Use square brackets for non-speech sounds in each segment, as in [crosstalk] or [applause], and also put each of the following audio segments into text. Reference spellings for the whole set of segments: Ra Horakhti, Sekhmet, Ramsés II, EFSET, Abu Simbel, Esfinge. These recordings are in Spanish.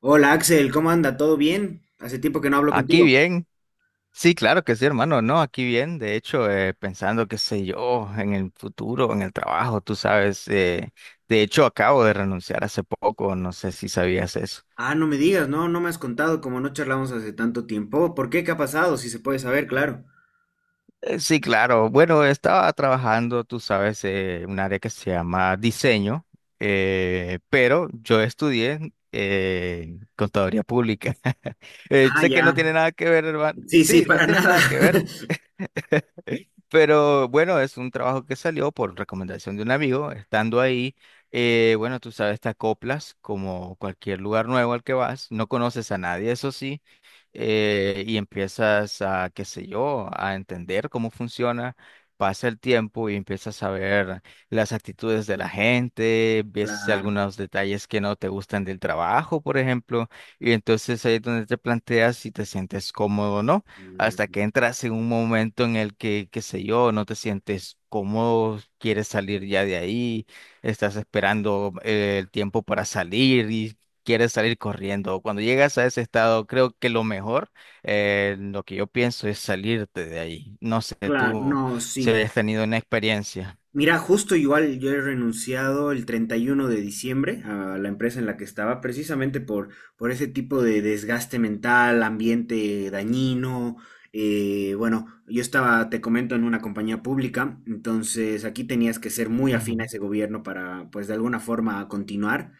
Hola Axel, ¿cómo anda? ¿Todo bien? Hace tiempo que no hablo Aquí contigo. bien, sí, claro que sí, hermano, no, aquí bien, de hecho, pensando, qué sé yo, en el futuro, en el trabajo, tú sabes, de hecho, acabo de renunciar hace poco, no sé si sabías eso. Ah, no me digas, no, no me has contado como no charlamos hace tanto tiempo. ¿Por qué? ¿Qué ha pasado? Si se puede saber, claro. Sí, claro, bueno, estaba trabajando, tú sabes, un área que se llama diseño, pero yo estudié contaduría pública. [laughs] Ah, Sé que no ya. tiene nada que ver, hermano, Sí, sí, sí, no para tiene nada. nada que ver. [laughs] Pero bueno, es un trabajo que salió por recomendación de un amigo. Estando ahí, bueno, tú sabes, te acoplas como cualquier lugar nuevo al que vas. No conoces a nadie, eso sí. Y empiezas a, qué sé yo, a entender cómo funciona. Pasa el tiempo y empiezas a ver las actitudes de la gente, ves Claro. algunos detalles que no te gustan del trabajo, por ejemplo, y entonces ahí es donde te planteas si te sientes cómodo o no, hasta Mm, que entras en un momento en el que, qué sé yo, no te sientes cómodo, quieres salir ya de ahí, estás esperando el tiempo para salir y quieres salir corriendo. Cuando llegas a ese estado, creo que lo mejor, lo que yo pienso es salirte de ahí. No sé, claro, tú no, si sí. has tenido una experiencia. Mira, justo igual yo he renunciado el 31 de diciembre a la empresa en la que estaba, precisamente por ese tipo de desgaste mental, ambiente dañino. Bueno, yo estaba, te comento, en una compañía pública, entonces aquí tenías que ser muy afín a Ujú, ese gobierno para, pues, de alguna forma continuar.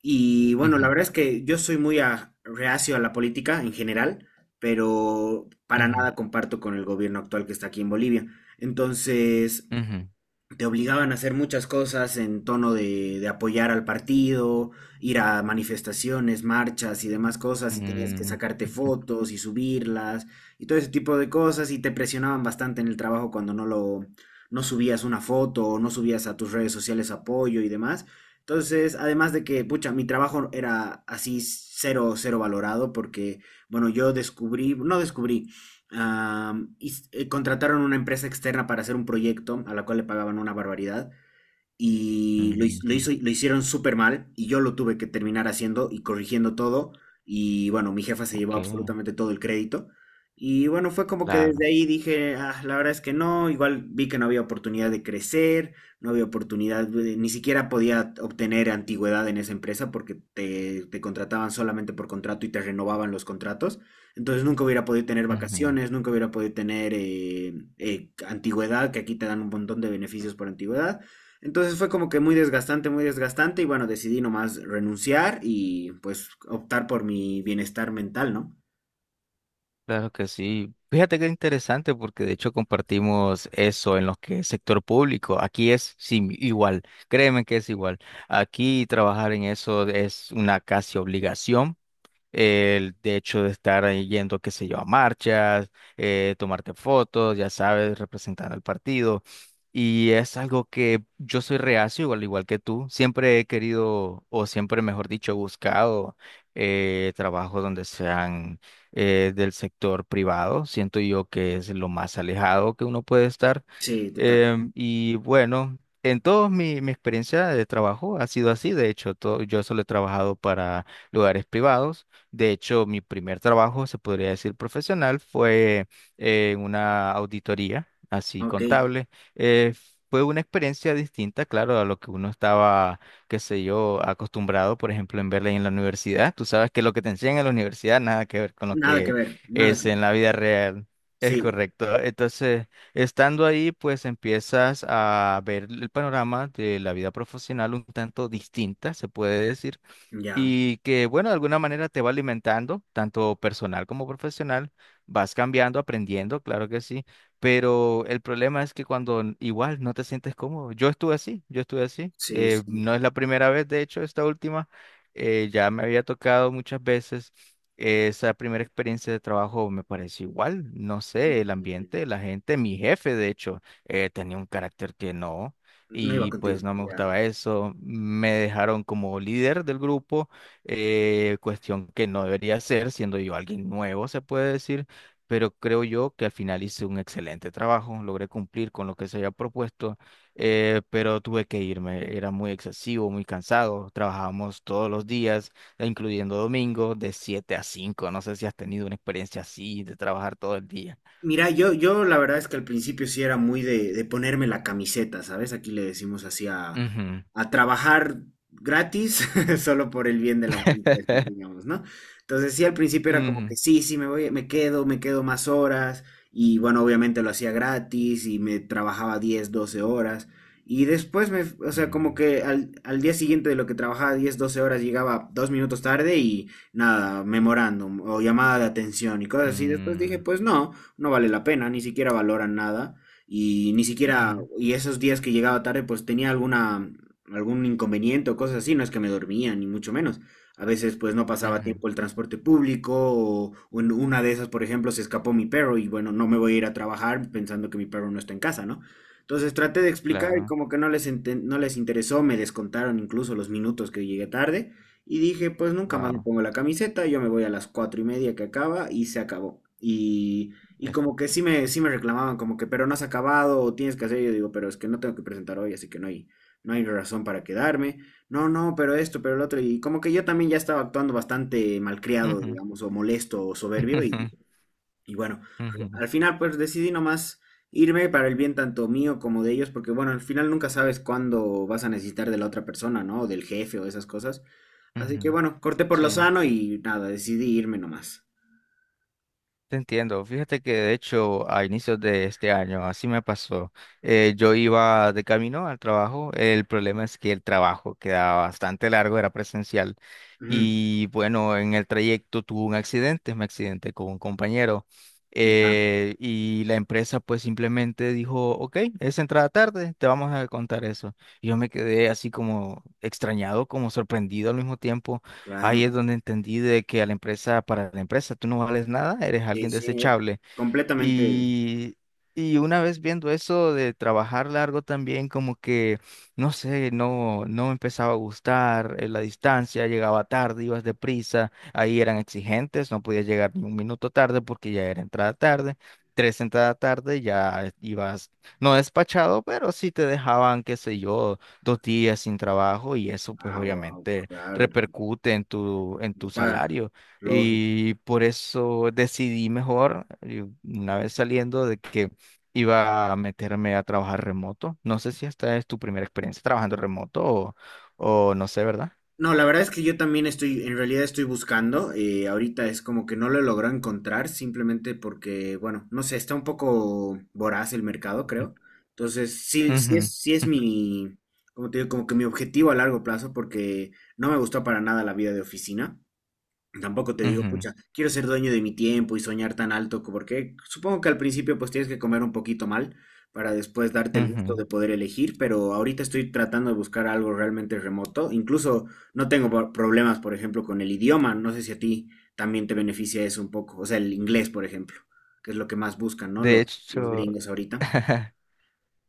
Y bueno, la ujú, verdad es que yo soy muy reacio a la política en general, pero para ujú, nada comparto con el gobierno actual que está aquí en Bolivia. Entonces ujú, te obligaban a hacer muchas cosas en tono de apoyar al partido, ir a manifestaciones, marchas y demás cosas, y tenías que mm, sacarte ujú, fotos y subirlas y todo ese tipo de cosas, y te presionaban bastante en el trabajo cuando no lo, no subías una foto o no subías a tus redes sociales apoyo y demás. Entonces, además de que, pucha, mi trabajo era así cero, cero valorado porque, bueno, yo descubrí, no descubrí, Y contrataron una empresa externa para hacer un proyecto a la cual le pagaban una barbaridad y lo, his- lo ujú, hizo, lo hicieron súper mal y yo lo tuve que terminar haciendo y corrigiendo todo. Y bueno, mi jefa se llevó ok, absolutamente todo el crédito y bueno, fue como que claro. desde ahí dije, "Ah, la verdad es que no, igual vi que no había oportunidad de crecer, no había oportunidad, ni siquiera podía obtener antigüedad en esa empresa porque te contrataban solamente por contrato y te renovaban los contratos, entonces nunca hubiera podido tener vacaciones, nunca hubiera podido tener antigüedad, que aquí te dan un montón de beneficios por antigüedad. Entonces fue como que muy desgastante y bueno, decidí nomás renunciar y pues optar por mi bienestar mental, ¿no? Claro que sí. Fíjate que interesante, porque de hecho compartimos eso en lo que es sector público. Aquí es sí, igual, créeme que es igual. Aquí trabajar en eso es una casi obligación. El de hecho de estar ahí yendo, qué sé yo, a marchas, tomarte fotos, ya sabes, representando al partido. Y es algo que yo soy reacio, al igual que tú. Siempre he querido, o siempre, mejor dicho, he buscado trabajos donde sean del sector privado. Siento yo que es lo más alejado que uno puede estar. Sí, total. Y bueno, en toda mi experiencia de trabajo ha sido así. De hecho, todo, yo solo he trabajado para lugares privados. De hecho, mi primer trabajo, se podría decir profesional, fue en una auditoría, así OK. contable. Eh, Fue una experiencia distinta, claro, a lo que uno estaba, qué sé yo, acostumbrado, por ejemplo, en Berlín en la universidad. Tú sabes que lo que te enseñan en la universidad nada que ver con lo Nada que que ver, nada que es ver. en la vida real. Es Sí, correcto. Entonces, estando ahí, pues empiezas a ver el panorama de la vida profesional un tanto distinta, se puede decir, ya. y que, bueno, de alguna manera te va alimentando, tanto personal como profesional, vas cambiando, aprendiendo, claro que sí, pero el problema es que cuando igual no te sientes cómodo, yo estuve así, Sí, sí. no es la primera vez, de hecho, esta última, ya me había tocado muchas veces. Esa primera experiencia de trabajo me pareció igual, no sé, el Mm, ambiente, la gente, mi jefe, de hecho, tenía un carácter que no, no iba y pues contigo, no me ya. gustaba eso. Me dejaron como líder del grupo, cuestión que no debería ser, siendo yo alguien nuevo, se puede decir, pero creo yo que al final hice un excelente trabajo, logré cumplir con lo que se había propuesto, pero tuve que irme, era muy excesivo, muy cansado, trabajábamos todos los días, e incluyendo domingo, de 7 a cinco. No sé si has tenido una experiencia así de trabajar todo el día. Mira, yo la verdad es que al principio sí era muy de ponerme la camiseta, ¿sabes? Aquí le decimos así a, Ujú. a trabajar gratis, [laughs] solo por el bien de la empresa, [laughs] digamos, ¿no? Entonces sí, al principio era como que Ujú. sí, sí, me voy, me quedo más horas, y bueno, obviamente lo hacía gratis y me trabajaba 10 12 horas, y después o sea, como Ujú. que al día siguiente de lo que trabajaba 10 12 horas llegaba 2 minutos tarde y nada, memorándum o llamada de atención y cosas así. Después dije, pues no vale la pena, ni siquiera valoran nada y ni Ujú. Ujú. siquiera, y esos días que llegaba tarde pues tenía alguna, algún inconveniente o cosas así, no es que me dormía, ni mucho menos. A veces pues no pasaba Ujú, tiempo el transporte público o en una de esas, por ejemplo, se escapó mi perro y bueno, no me voy a ir a trabajar pensando que mi perro no está en casa, ¿no? Entonces traté de explicar y claro, como que no les interesó, me descontaron incluso los minutos que llegué tarde y dije, pues nunca más me wow. pongo la camiseta, yo me voy a las 4:30 que acaba y se acabó. Y Es- como que sí me reclamaban, como que, pero no has acabado, o tienes que hacer. Yo digo, pero es que no tengo que presentar hoy, así que no hay razón para quedarme. No, no, pero esto, pero el otro. Y como que yo también ya estaba actuando bastante malcriado, Ujú, digamos, o molesto o soberbio. Y, [laughs] y bueno, ujú, ujú, al final pues decidí nomás irme para el bien tanto mío como de ellos, porque bueno, al final nunca sabes cuándo vas a necesitar de la otra persona, ¿no? O del jefe o esas cosas. Así que ujú, bueno, corté por lo sí. sano y nada, decidí irme nomás. Te entiendo. Fíjate que de hecho a inicios de este año así me pasó. Yo iba de camino al trabajo. El problema es que el trabajo quedaba bastante largo, era presencial. Ujú, Y bueno, en el trayecto tuve un accidente, me accidenté con un compañero. ya, Y la empresa pues simplemente dijo, ok, es entrada tarde, te vamos a contar eso. Y yo me quedé así como extrañado, como sorprendido al mismo tiempo. claro. Ahí es donde entendí de que a la empresa, para la empresa, tú no vales nada, eres Sí, alguien sí, desechable. completamente. Y, y una vez viendo eso de trabajar largo también, como que, no sé, no, no me empezaba a gustar la distancia, llegaba tarde, ibas deprisa, ahí eran exigentes, no podías llegar ni un minuto tarde porque ya era entrada tarde, tres entrada tarde ya ibas, no despachado, pero sí te dejaban, qué sé yo, dos días sin trabajo y eso pues Ah, wow, obviamente claro, repercute en tu para, salario. lógico. Y por eso decidí mejor, y una vez saliendo, de que iba a meterme a trabajar remoto. No sé si esta es tu primera experiencia trabajando remoto o no sé, ¿verdad? No, la verdad es que yo también estoy, en realidad estoy buscando, ahorita es como que no lo logro encontrar, simplemente porque, bueno, no sé, está un poco voraz el mercado, creo. Entonces, sí, sí Ujú, es, sí es mi, como te digo, como que mi objetivo a largo plazo, porque no me gustó para nada la vida de oficina. Tampoco te digo, ujú, pucha, quiero ser dueño de mi tiempo y soñar tan alto, porque supongo que al principio pues tienes que comer un poquito mal para después darte el gusto ujú. de poder elegir, pero ahorita estoy tratando de buscar algo realmente remoto. Incluso no tengo problemas, por ejemplo, con el idioma. No sé si a ti también te beneficia eso un poco. O sea, el inglés, por ejemplo, que es lo que más buscan, ¿no? De Los hecho, gringos ahorita. [laughs]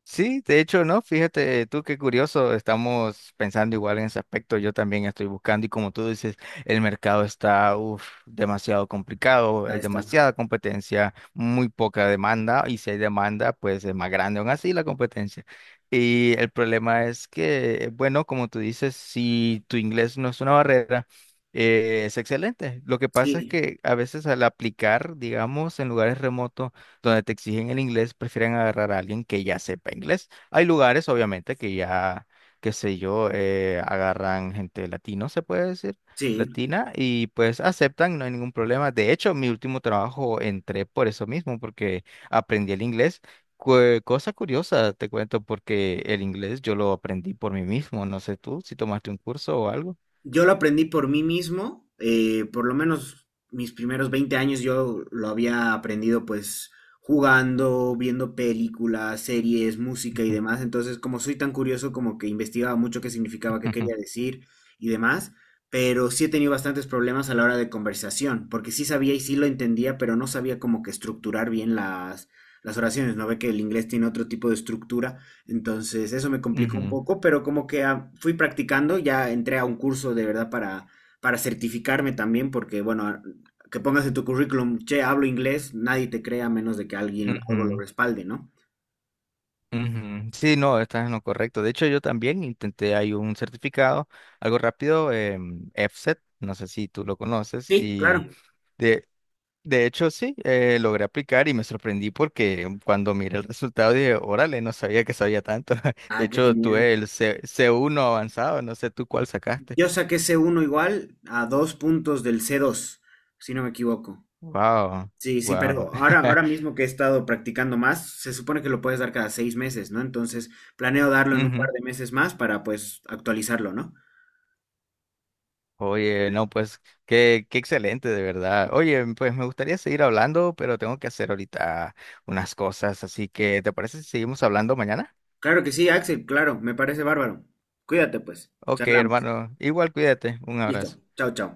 sí, de hecho, no, fíjate tú qué curioso, estamos pensando igual en ese aspecto, yo también estoy buscando y como tú dices, el mercado está uf, demasiado complicado, hay Ahí está. demasiada competencia, muy poca demanda y si hay demanda, pues es más grande aún así la competencia. Y el problema es que, bueno, como tú dices, si tu inglés no es una barrera, es excelente. Lo que pasa es Sí, que a veces al aplicar, digamos, en lugares remotos, donde te exigen el inglés, prefieren agarrar a alguien que ya sepa inglés. Hay lugares, obviamente, que ya, qué sé yo, agarran gente latino, se puede decir, sí. latina, y pues aceptan, no hay ningún problema. De hecho, mi último trabajo entré por eso mismo, porque aprendí el inglés. Cosa curiosa, te cuento, porque el inglés yo lo aprendí por mí mismo. No sé tú si tomaste un curso o algo. Yo lo aprendí por mí mismo, por lo menos mis primeros 20 años yo lo había aprendido pues jugando, viendo películas, series, música y demás. Entonces, como soy tan curioso, como que investigaba mucho qué significaba, qué quería [laughs] decir y demás. Pero sí he tenido bastantes problemas a la hora de conversación, porque sí sabía y sí lo entendía, pero no sabía como que estructurar bien las oraciones. No ve que el inglés tiene otro tipo de estructura entonces, eso me complicó un Ujú, poco, pero como que fui practicando, ya entré a un curso de verdad para, certificarme también, porque bueno, que pongas en tu currículum, che, hablo inglés, nadie te crea a menos de que alguien algo lo ujú, respalde, ¿no? ujú. Sí, no, estás en lo correcto. De hecho, yo también intenté, hay un certificado, algo rápido, EFSET, no sé si tú lo conoces, Sí, y claro. de, de hecho sí, logré aplicar y me sorprendí porque cuando miré el resultado dije, órale, no sabía que sabía tanto. [laughs] De Ah, qué hecho, genial. tuve el C, c uno avanzado, no sé tú cuál sacaste. Yo saqué C1 igual a 2 puntos del C2 si no me equivoco. Wow, Sí, sí, wow. pero ahora, ahora [laughs] mismo que he estado practicando más, se supone que lo puedes dar cada 6 meses, ¿no? Entonces, planeo darlo en un par de meses más para pues actualizarlo, ¿no? Oye, no, pues qué, qué excelente, de verdad. Oye, pues me gustaría seguir hablando, pero tengo que hacer ahorita unas cosas, así que ¿te parece si seguimos hablando mañana? Claro que sí, Axel, claro, me parece bárbaro. Cuídate pues, Ok, charlamos. hermano, igual cuídate, un Listo, abrazo. chao, chao.